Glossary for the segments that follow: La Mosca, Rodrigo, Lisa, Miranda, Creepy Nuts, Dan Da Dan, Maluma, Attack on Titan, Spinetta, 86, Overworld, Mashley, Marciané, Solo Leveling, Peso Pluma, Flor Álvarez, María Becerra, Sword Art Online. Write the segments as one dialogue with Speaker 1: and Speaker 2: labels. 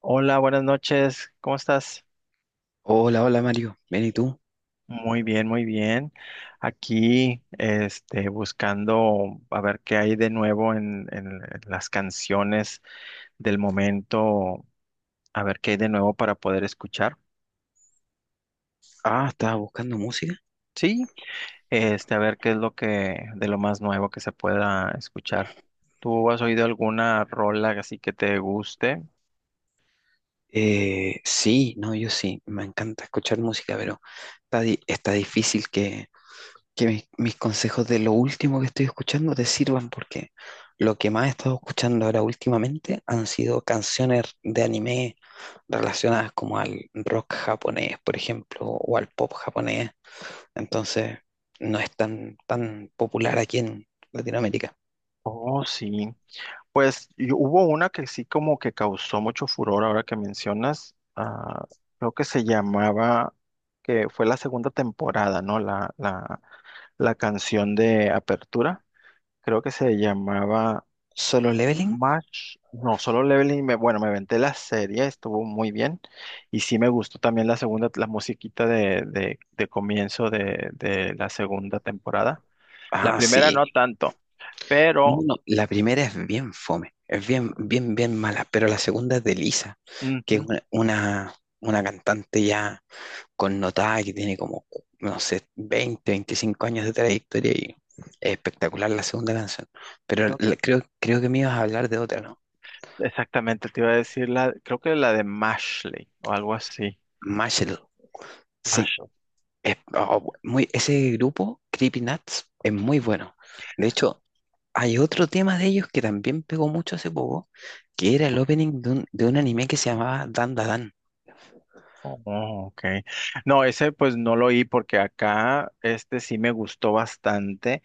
Speaker 1: Hola, buenas noches. ¿Cómo estás?
Speaker 2: Hola, hola Mario, ¿bien y tú?
Speaker 1: Muy bien, muy bien. Aquí, este, buscando a ver qué hay de nuevo en las canciones del momento, a ver qué hay de nuevo para poder escuchar.
Speaker 2: Ah, ¿estabas buscando música?
Speaker 1: Sí, este, a ver qué es lo que, de lo más nuevo que se pueda escuchar. ¿Tú has oído alguna rola así que te guste?
Speaker 2: Sí, no, yo sí, me encanta escuchar música, pero está difícil que mis consejos de lo último que estoy escuchando te sirvan porque lo que más he estado escuchando ahora últimamente han sido canciones de anime relacionadas como al rock japonés, por ejemplo, o al pop japonés, entonces no es tan popular aquí en Latinoamérica.
Speaker 1: Oh, sí. Pues y hubo una que sí como que causó mucho furor ahora que mencionas, creo que se llamaba, que fue la segunda temporada, ¿no? La canción de apertura, creo que se llamaba
Speaker 2: Solo Leveling,
Speaker 1: Match, no, solo Leveling, bueno, me aventé la serie, estuvo muy bien y sí me gustó también la segunda, la musiquita de comienzo de la segunda temporada. La
Speaker 2: ah,
Speaker 1: primera
Speaker 2: sí.
Speaker 1: no tanto,
Speaker 2: No,
Speaker 1: pero...
Speaker 2: no, no, la primera es bien fome, es bien, bien, bien mala, pero la segunda es de Lisa, que es
Speaker 1: Ujú,
Speaker 2: una cantante ya connotada que tiene como, no sé, 20, 25 años de trayectoria y es espectacular la segunda canción. Pero
Speaker 1: creo.
Speaker 2: la- creo, creo que me ibas a hablar de otra, ¿no?
Speaker 1: Exactamente, te iba a decir la, creo que la de Mashley o algo así.
Speaker 2: Marshall, sí.
Speaker 1: Mashley.
Speaker 2: Oh, ese grupo, Creepy Nuts, es muy bueno. De hecho, hay otro tema de ellos que también pegó mucho hace poco, que era el opening de un anime que se llamaba Dan Da Dan.
Speaker 1: Oh, ok. No, ese pues no lo oí porque acá este sí me gustó bastante.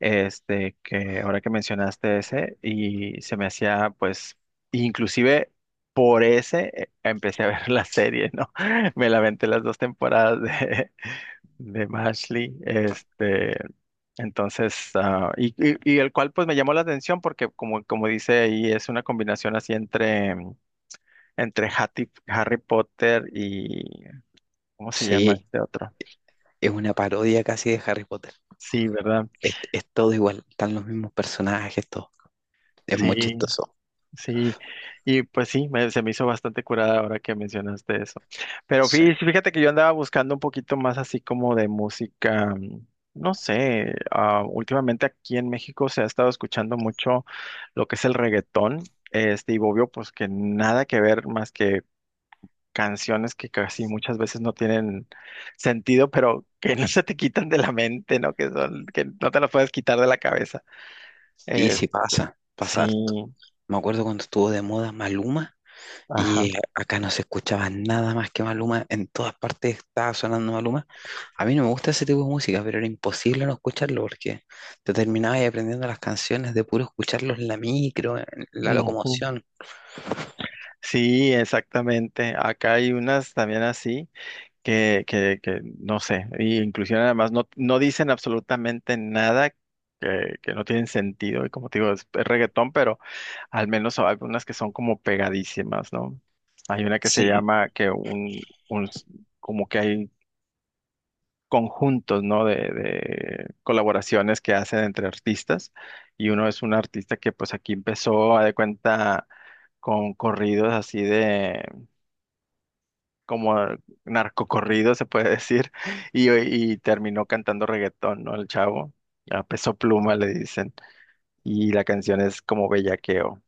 Speaker 1: Este que ahora que mencionaste ese y se me hacía pues inclusive por ese empecé a ver la serie, ¿no? Me la aventé las dos temporadas de Mashley, este, entonces, y el cual pues me llamó la atención porque como, como dice ahí, es una combinación así entre Hattie- Harry Potter y, ¿cómo se llama
Speaker 2: Sí,
Speaker 1: este otro?
Speaker 2: es una parodia casi de Harry Potter.
Speaker 1: Sí, ¿verdad?
Speaker 2: Es todo igual, están los mismos personajes, todo. Es muy
Speaker 1: Sí,
Speaker 2: chistoso.
Speaker 1: sí, y pues sí, me- se me hizo bastante curada ahora que mencionaste eso. Pero
Speaker 2: Sí,
Speaker 1: fí- fíjate que yo andaba buscando un poquito más así como de música, no sé, últimamente aquí en México se ha estado escuchando mucho lo que es el reggaetón, este, y obvio pues que nada que ver más que canciones que casi muchas veces no tienen sentido, pero que no se te quitan de la mente, ¿no? Que son, que no te las puedes quitar de la cabeza.
Speaker 2: sí,
Speaker 1: Eh,
Speaker 2: sí pasa, pasa harto.
Speaker 1: sí,
Speaker 2: Me acuerdo cuando estuvo de moda Maluma y
Speaker 1: ajá.
Speaker 2: acá no se escuchaba nada más que Maluma, en todas partes estaba sonando Maluma. A mí no me gusta ese tipo de música, pero era imposible no escucharlo porque te terminabas aprendiendo las canciones de puro escucharlos en la micro, en la locomoción.
Speaker 1: Sí, exactamente. Acá hay unas también así que no sé, y inclusive además no, no dicen absolutamente nada que, que no tienen sentido. Y como te digo, es reggaetón, pero al menos hay algunas que son como pegadísimas, ¿no? Hay una que se
Speaker 2: Sí.
Speaker 1: llama que un s- como que hay conjuntos, ¿no? De colaboraciones que hacen entre artistas. Y uno es un artista que pues aquí empezó, a de cuenta, con corridos así de como narcocorrido, se puede decir, y terminó cantando reggaetón, ¿no? El chavo, a peso pluma le dicen, y la canción es como bellaqueo.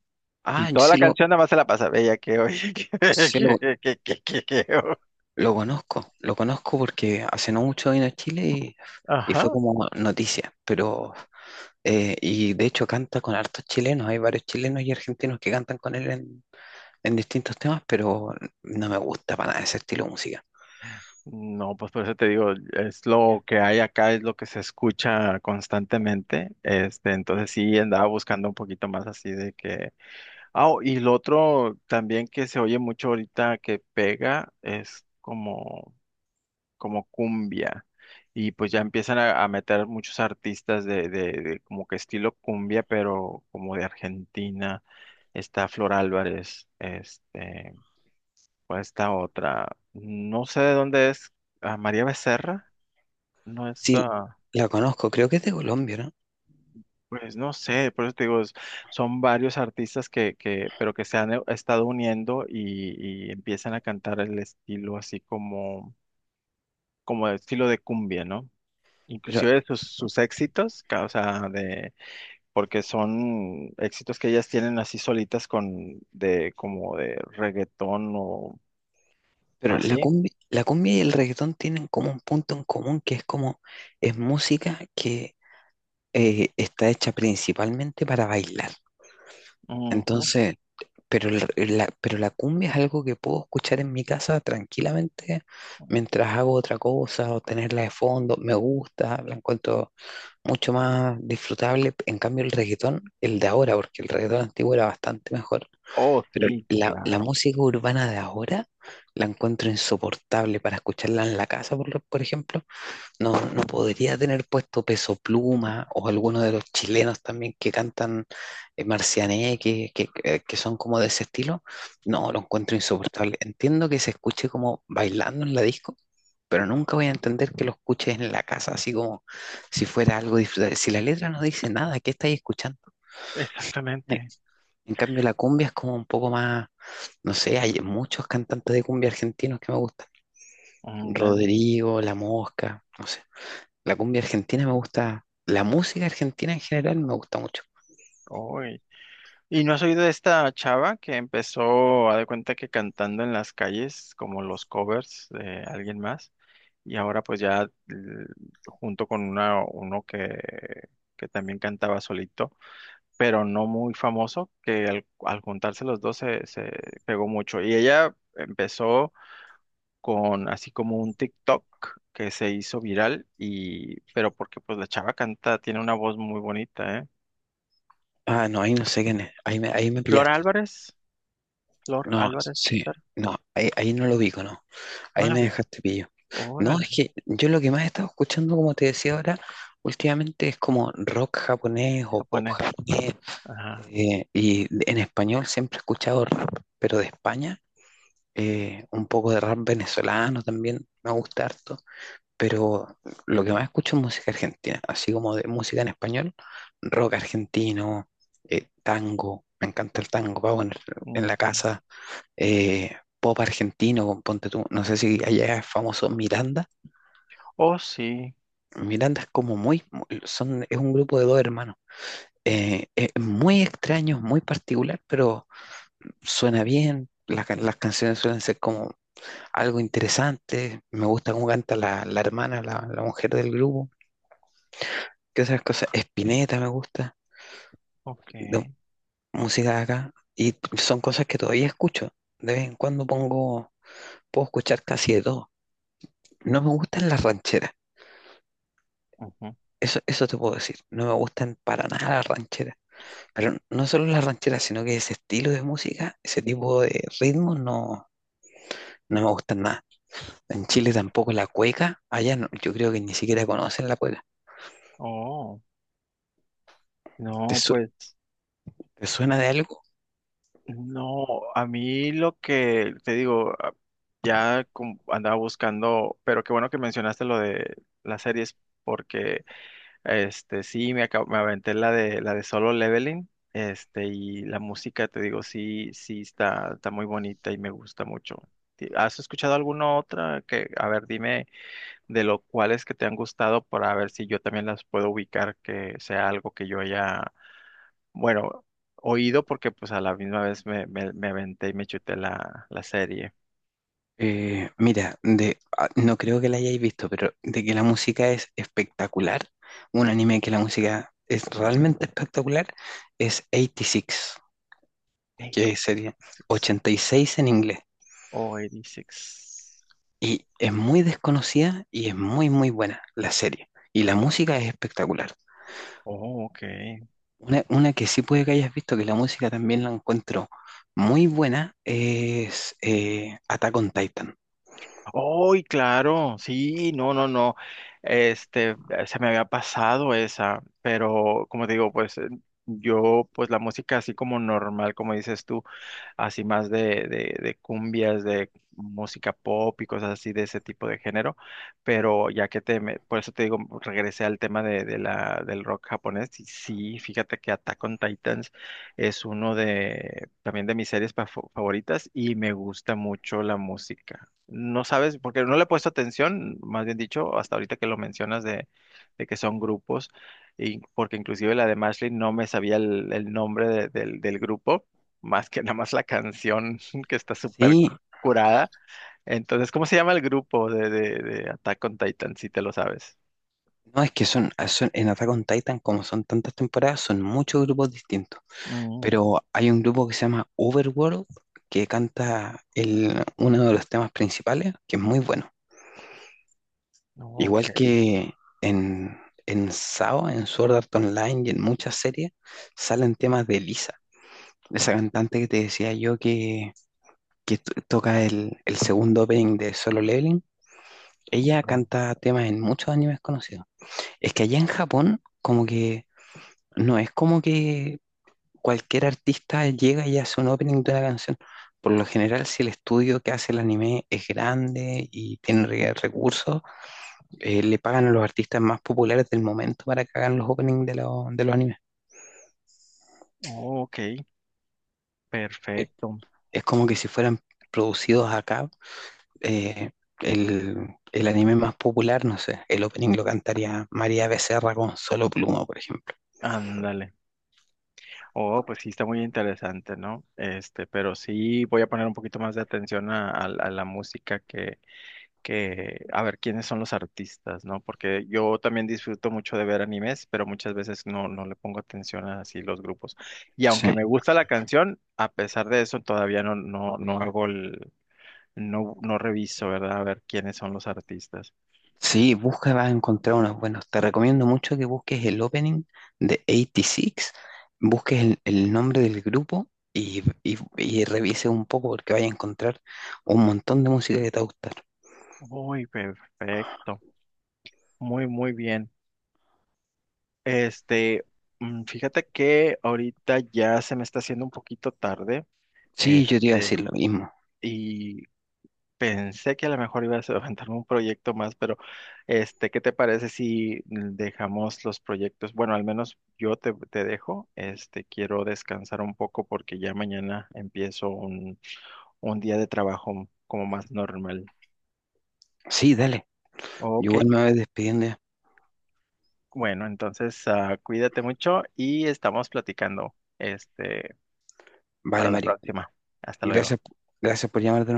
Speaker 1: Y
Speaker 2: Ah, yo
Speaker 1: toda la canción nada más se la pasa bellaqueo,
Speaker 2: sí
Speaker 1: bellaqueo, bellaqueo. Bellaqueo.
Speaker 2: Lo conozco porque hace no mucho vino a Chile y,
Speaker 1: Ajá.
Speaker 2: fue como noticia, pero y de hecho canta con hartos chilenos, hay varios chilenos y argentinos que cantan con él en, distintos temas, pero no me gusta para nada ese estilo de música.
Speaker 1: No, pues por eso te digo, es lo que hay acá, es lo que se escucha constantemente. Este, entonces sí andaba buscando un poquito más así de que. Ah, oh, y lo otro también que se oye mucho ahorita que pega es como cumbia. Y pues ya empiezan a meter muchos artistas de como que estilo cumbia, pero como de Argentina. Está Flor Álvarez, este, o esta otra. No sé de dónde es, María Becerra, no es,
Speaker 2: Sí, la conozco, creo que es de Colombia, ¿no?
Speaker 1: pues no sé, por eso te digo, es- son varios artistas que, pero que se han estado uniendo y empiezan a cantar el estilo así como, como el estilo de cumbia, ¿no?
Speaker 2: Pero,
Speaker 1: Inclusive sus, sus éxitos, ca- o sea, de, porque son éxitos que ellas tienen así solitas con, de, como de reggaetón o
Speaker 2: pero
Speaker 1: así.
Speaker 2: la cumbia y el reggaetón tienen como un punto en común que es música que está hecha principalmente para bailar.
Speaker 1: Ujú.
Speaker 2: Entonces, Pero pero la cumbia es algo que puedo escuchar en mi casa tranquilamente mientras hago otra cosa o tenerla de fondo. Me gusta, la encuentro mucho más disfrutable. En cambio, el reggaetón, el de ahora, porque el reggaetón antiguo era bastante mejor.
Speaker 1: Oh,
Speaker 2: Pero
Speaker 1: sí,
Speaker 2: la
Speaker 1: claro,
Speaker 2: música urbana de ahora la encuentro insoportable para escucharla en la casa, por ejemplo no, no podría tener puesto Peso Pluma o alguno de los chilenos también que cantan Marciané, que son como de ese estilo. No, lo encuentro insoportable. Entiendo que se escuche como bailando en la disco, pero nunca voy a entender que lo escuches en la casa, así como si fuera algo disfrutable. Si la letra no dice nada, ¿qué estáis escuchando? Eh,
Speaker 1: exactamente.
Speaker 2: En cambio, la cumbia es como un poco más, no sé, hay muchos cantantes de cumbia argentinos que me gustan.
Speaker 1: Mm, dale.
Speaker 2: Rodrigo, La Mosca, no sé. La cumbia argentina me gusta, la música argentina en general me gusta mucho.
Speaker 1: Oy. ¿Y no has oído de esta chava que empezó, a de cuenta que cantando en las calles, como los covers de alguien más? Y ahora pues ya l- junto con una, uno que también cantaba solito pero no muy famoso, que al, al juntarse los dos se, se pegó mucho. Y ella empezó con así como un TikTok que se hizo viral, y, pero porque pues la chava canta, tiene una voz muy bonita, ¿eh?
Speaker 2: Ah, no, ahí no sé quién es, ahí me
Speaker 1: Flor
Speaker 2: pillaste.
Speaker 1: Álvarez, Flor
Speaker 2: No,
Speaker 1: Álvarez,
Speaker 2: sí,
Speaker 1: César,
Speaker 2: no, ahí no lo ubico, no,
Speaker 1: no
Speaker 2: ahí
Speaker 1: la
Speaker 2: me
Speaker 1: vi.
Speaker 2: dejaste pillo. No,
Speaker 1: Órale,
Speaker 2: es que yo lo que más he estado escuchando, como te decía ahora, últimamente es como rock japonés o pop
Speaker 1: japonés.
Speaker 2: japonés.
Speaker 1: Ajá.
Speaker 2: Y en español siempre he escuchado rap, pero de España, un poco de rap venezolano también, me gusta harto. Pero lo que más escucho es música argentina, así como de música en español, rock argentino, tango, me encanta el tango, pago en, la
Speaker 1: Ujú.
Speaker 2: casa, pop argentino, con ponte tú, no sé si allá es famoso Miranda.
Speaker 1: Oh, sí.
Speaker 2: Miranda es como muy, muy- son, es un grupo de dos hermanos, es muy extraño, muy particular, pero suena bien. Las canciones suelen ser como algo interesante. Me gusta cómo canta la hermana, la mujer del grupo. ¿Qué otras cosas? Spinetta me gusta,
Speaker 1: Ok.
Speaker 2: de música de acá, y son cosas que todavía escucho. De vez en cuando puedo escuchar casi de todo. No me gustan las rancheras,
Speaker 1: Ujú.
Speaker 2: eso te puedo decir. No me gustan para nada las rancheras. Pero no solo las rancheras, sino que ese estilo de música, ese tipo de ritmos, no, no me gustan nada. En Chile tampoco la cueca, allá no- yo creo que ni siquiera conocen la cueca.
Speaker 1: Oh,
Speaker 2: ¿Te,
Speaker 1: no,
Speaker 2: su-
Speaker 1: pues.
Speaker 2: te suena de algo?
Speaker 1: No, a mí lo que te digo, a- ya com- andaba buscando, pero qué bueno que mencionaste lo de las series, porque este sí me, acab- me aventé la de Solo Leveling, este, y la música, te digo, sí, sí está, está muy bonita y me gusta mucho. Ti- ¿Has escuchado alguna otra que, a ver, dime de lo cuales que te han gustado para ver si yo también las puedo ubicar, que sea algo que yo haya, bueno, oído porque pues a la misma vez me, me, me aventé y me chuté la, la serie.
Speaker 2: Mira, no creo que la hayáis visto, pero de que la música es espectacular, un anime que la música es realmente espectacular, es 86, que sería
Speaker 1: 86
Speaker 2: 86 en inglés.
Speaker 1: o 86.
Speaker 2: Y es muy desconocida y es muy, muy buena la serie. Y la
Speaker 1: No.
Speaker 2: música es espectacular.
Speaker 1: Oh, oh, ok.
Speaker 2: Una que sí puede que hayas visto, que la música también la encuentro muy buena, es Attack on Titan.
Speaker 1: ¡Ay, claro! Sí, no, no, no. Este, se me había pasado esa, pero como te digo, pues yo, pues la música así como normal, como dices tú, así más de cumbias, de música pop y cosas así de ese tipo de género, pero ya que te, me- por eso te digo, regresé al tema del rock japonés, y sí, fíjate que Attack on Titans es uno de, también de mis series pa- favoritas y me gusta mucho la música. No sabes, porque no le he puesto atención, más bien dicho, hasta ahorita que lo mencionas de que son grupos, y porque inclusive la de Mashley no me sabía el nombre de- del del grupo, más que nada más la canción que está súper
Speaker 2: Sí.
Speaker 1: curada. Entonces, ¿cómo se llama el grupo de Attack on Titan, si te lo sabes?
Speaker 2: No, es que en Attack on Titan, como son tantas temporadas, son muchos grupos distintos.
Speaker 1: Mm,
Speaker 2: Pero hay un grupo que se llama Overworld que canta uno de los temas principales, que es muy bueno. Igual
Speaker 1: ok,
Speaker 2: que en, en, SAO, en Sword Art Online y en muchas series, salen temas de Lisa, esa cantante que te decía yo que toca el segundo opening de Solo Leveling. Ella
Speaker 1: mm,
Speaker 2: canta temas en muchos animes conocidos. Es que allá en Japón, como que. No es como que cualquier artista llega y hace un opening de una canción. Por lo general, si el estudio que hace el anime es grande y tiene recursos, le pagan a los artistas más populares del momento para que hagan los openings de los animes.
Speaker 1: ok,
Speaker 2: Eh,
Speaker 1: perfecto.
Speaker 2: Es como que si fueran producidos acá, eh, el anime más popular, no sé, el opening lo cantaría María Becerra con Solo Pluma, por ejemplo.
Speaker 1: Ándale. Oh, pues sí, está muy interesante, ¿no? Este, pero sí voy a poner un poquito más de atención a la música que a ver quiénes son los artistas, ¿no? Porque yo también disfruto mucho de ver animes, pero muchas veces no, no le pongo atención a así los grupos. Y aunque
Speaker 2: Sí.
Speaker 1: me gusta la canción, a pesar de eso todavía no, no hago el, no, no reviso, ¿verdad? A ver quiénes son los artistas.
Speaker 2: Sí, busca, vas a encontrar unos buenos. Te recomiendo mucho que busques el opening de 86, busques el nombre del grupo y, y revises un poco porque vas a encontrar un montón de música que te va a gustar.
Speaker 1: Uy, perfecto. Muy, muy bien. Este, mm, fíjate que ahorita ya se me está haciendo un poquito tarde.
Speaker 2: Sí, yo te iba a
Speaker 1: Este,
Speaker 2: decir lo mismo.
Speaker 1: y pensé que a lo mejor ibas a aventarme un proyecto más, pero este, ¿qué te parece si dejamos los proyectos? Bueno, al menos yo te, te dejo. Este, quiero descansar un poco porque ya mañana empiezo un día de trabajo como más normal.
Speaker 2: Sí, dale. Yo
Speaker 1: Ok,
Speaker 2: igual me voy despidiendo ya.
Speaker 1: bueno, entonces cuídate mucho y estamos platicando este,
Speaker 2: Vale,
Speaker 1: para la
Speaker 2: Mario.
Speaker 1: próxima. Hasta luego.
Speaker 2: Gracias, gracias por llamarte.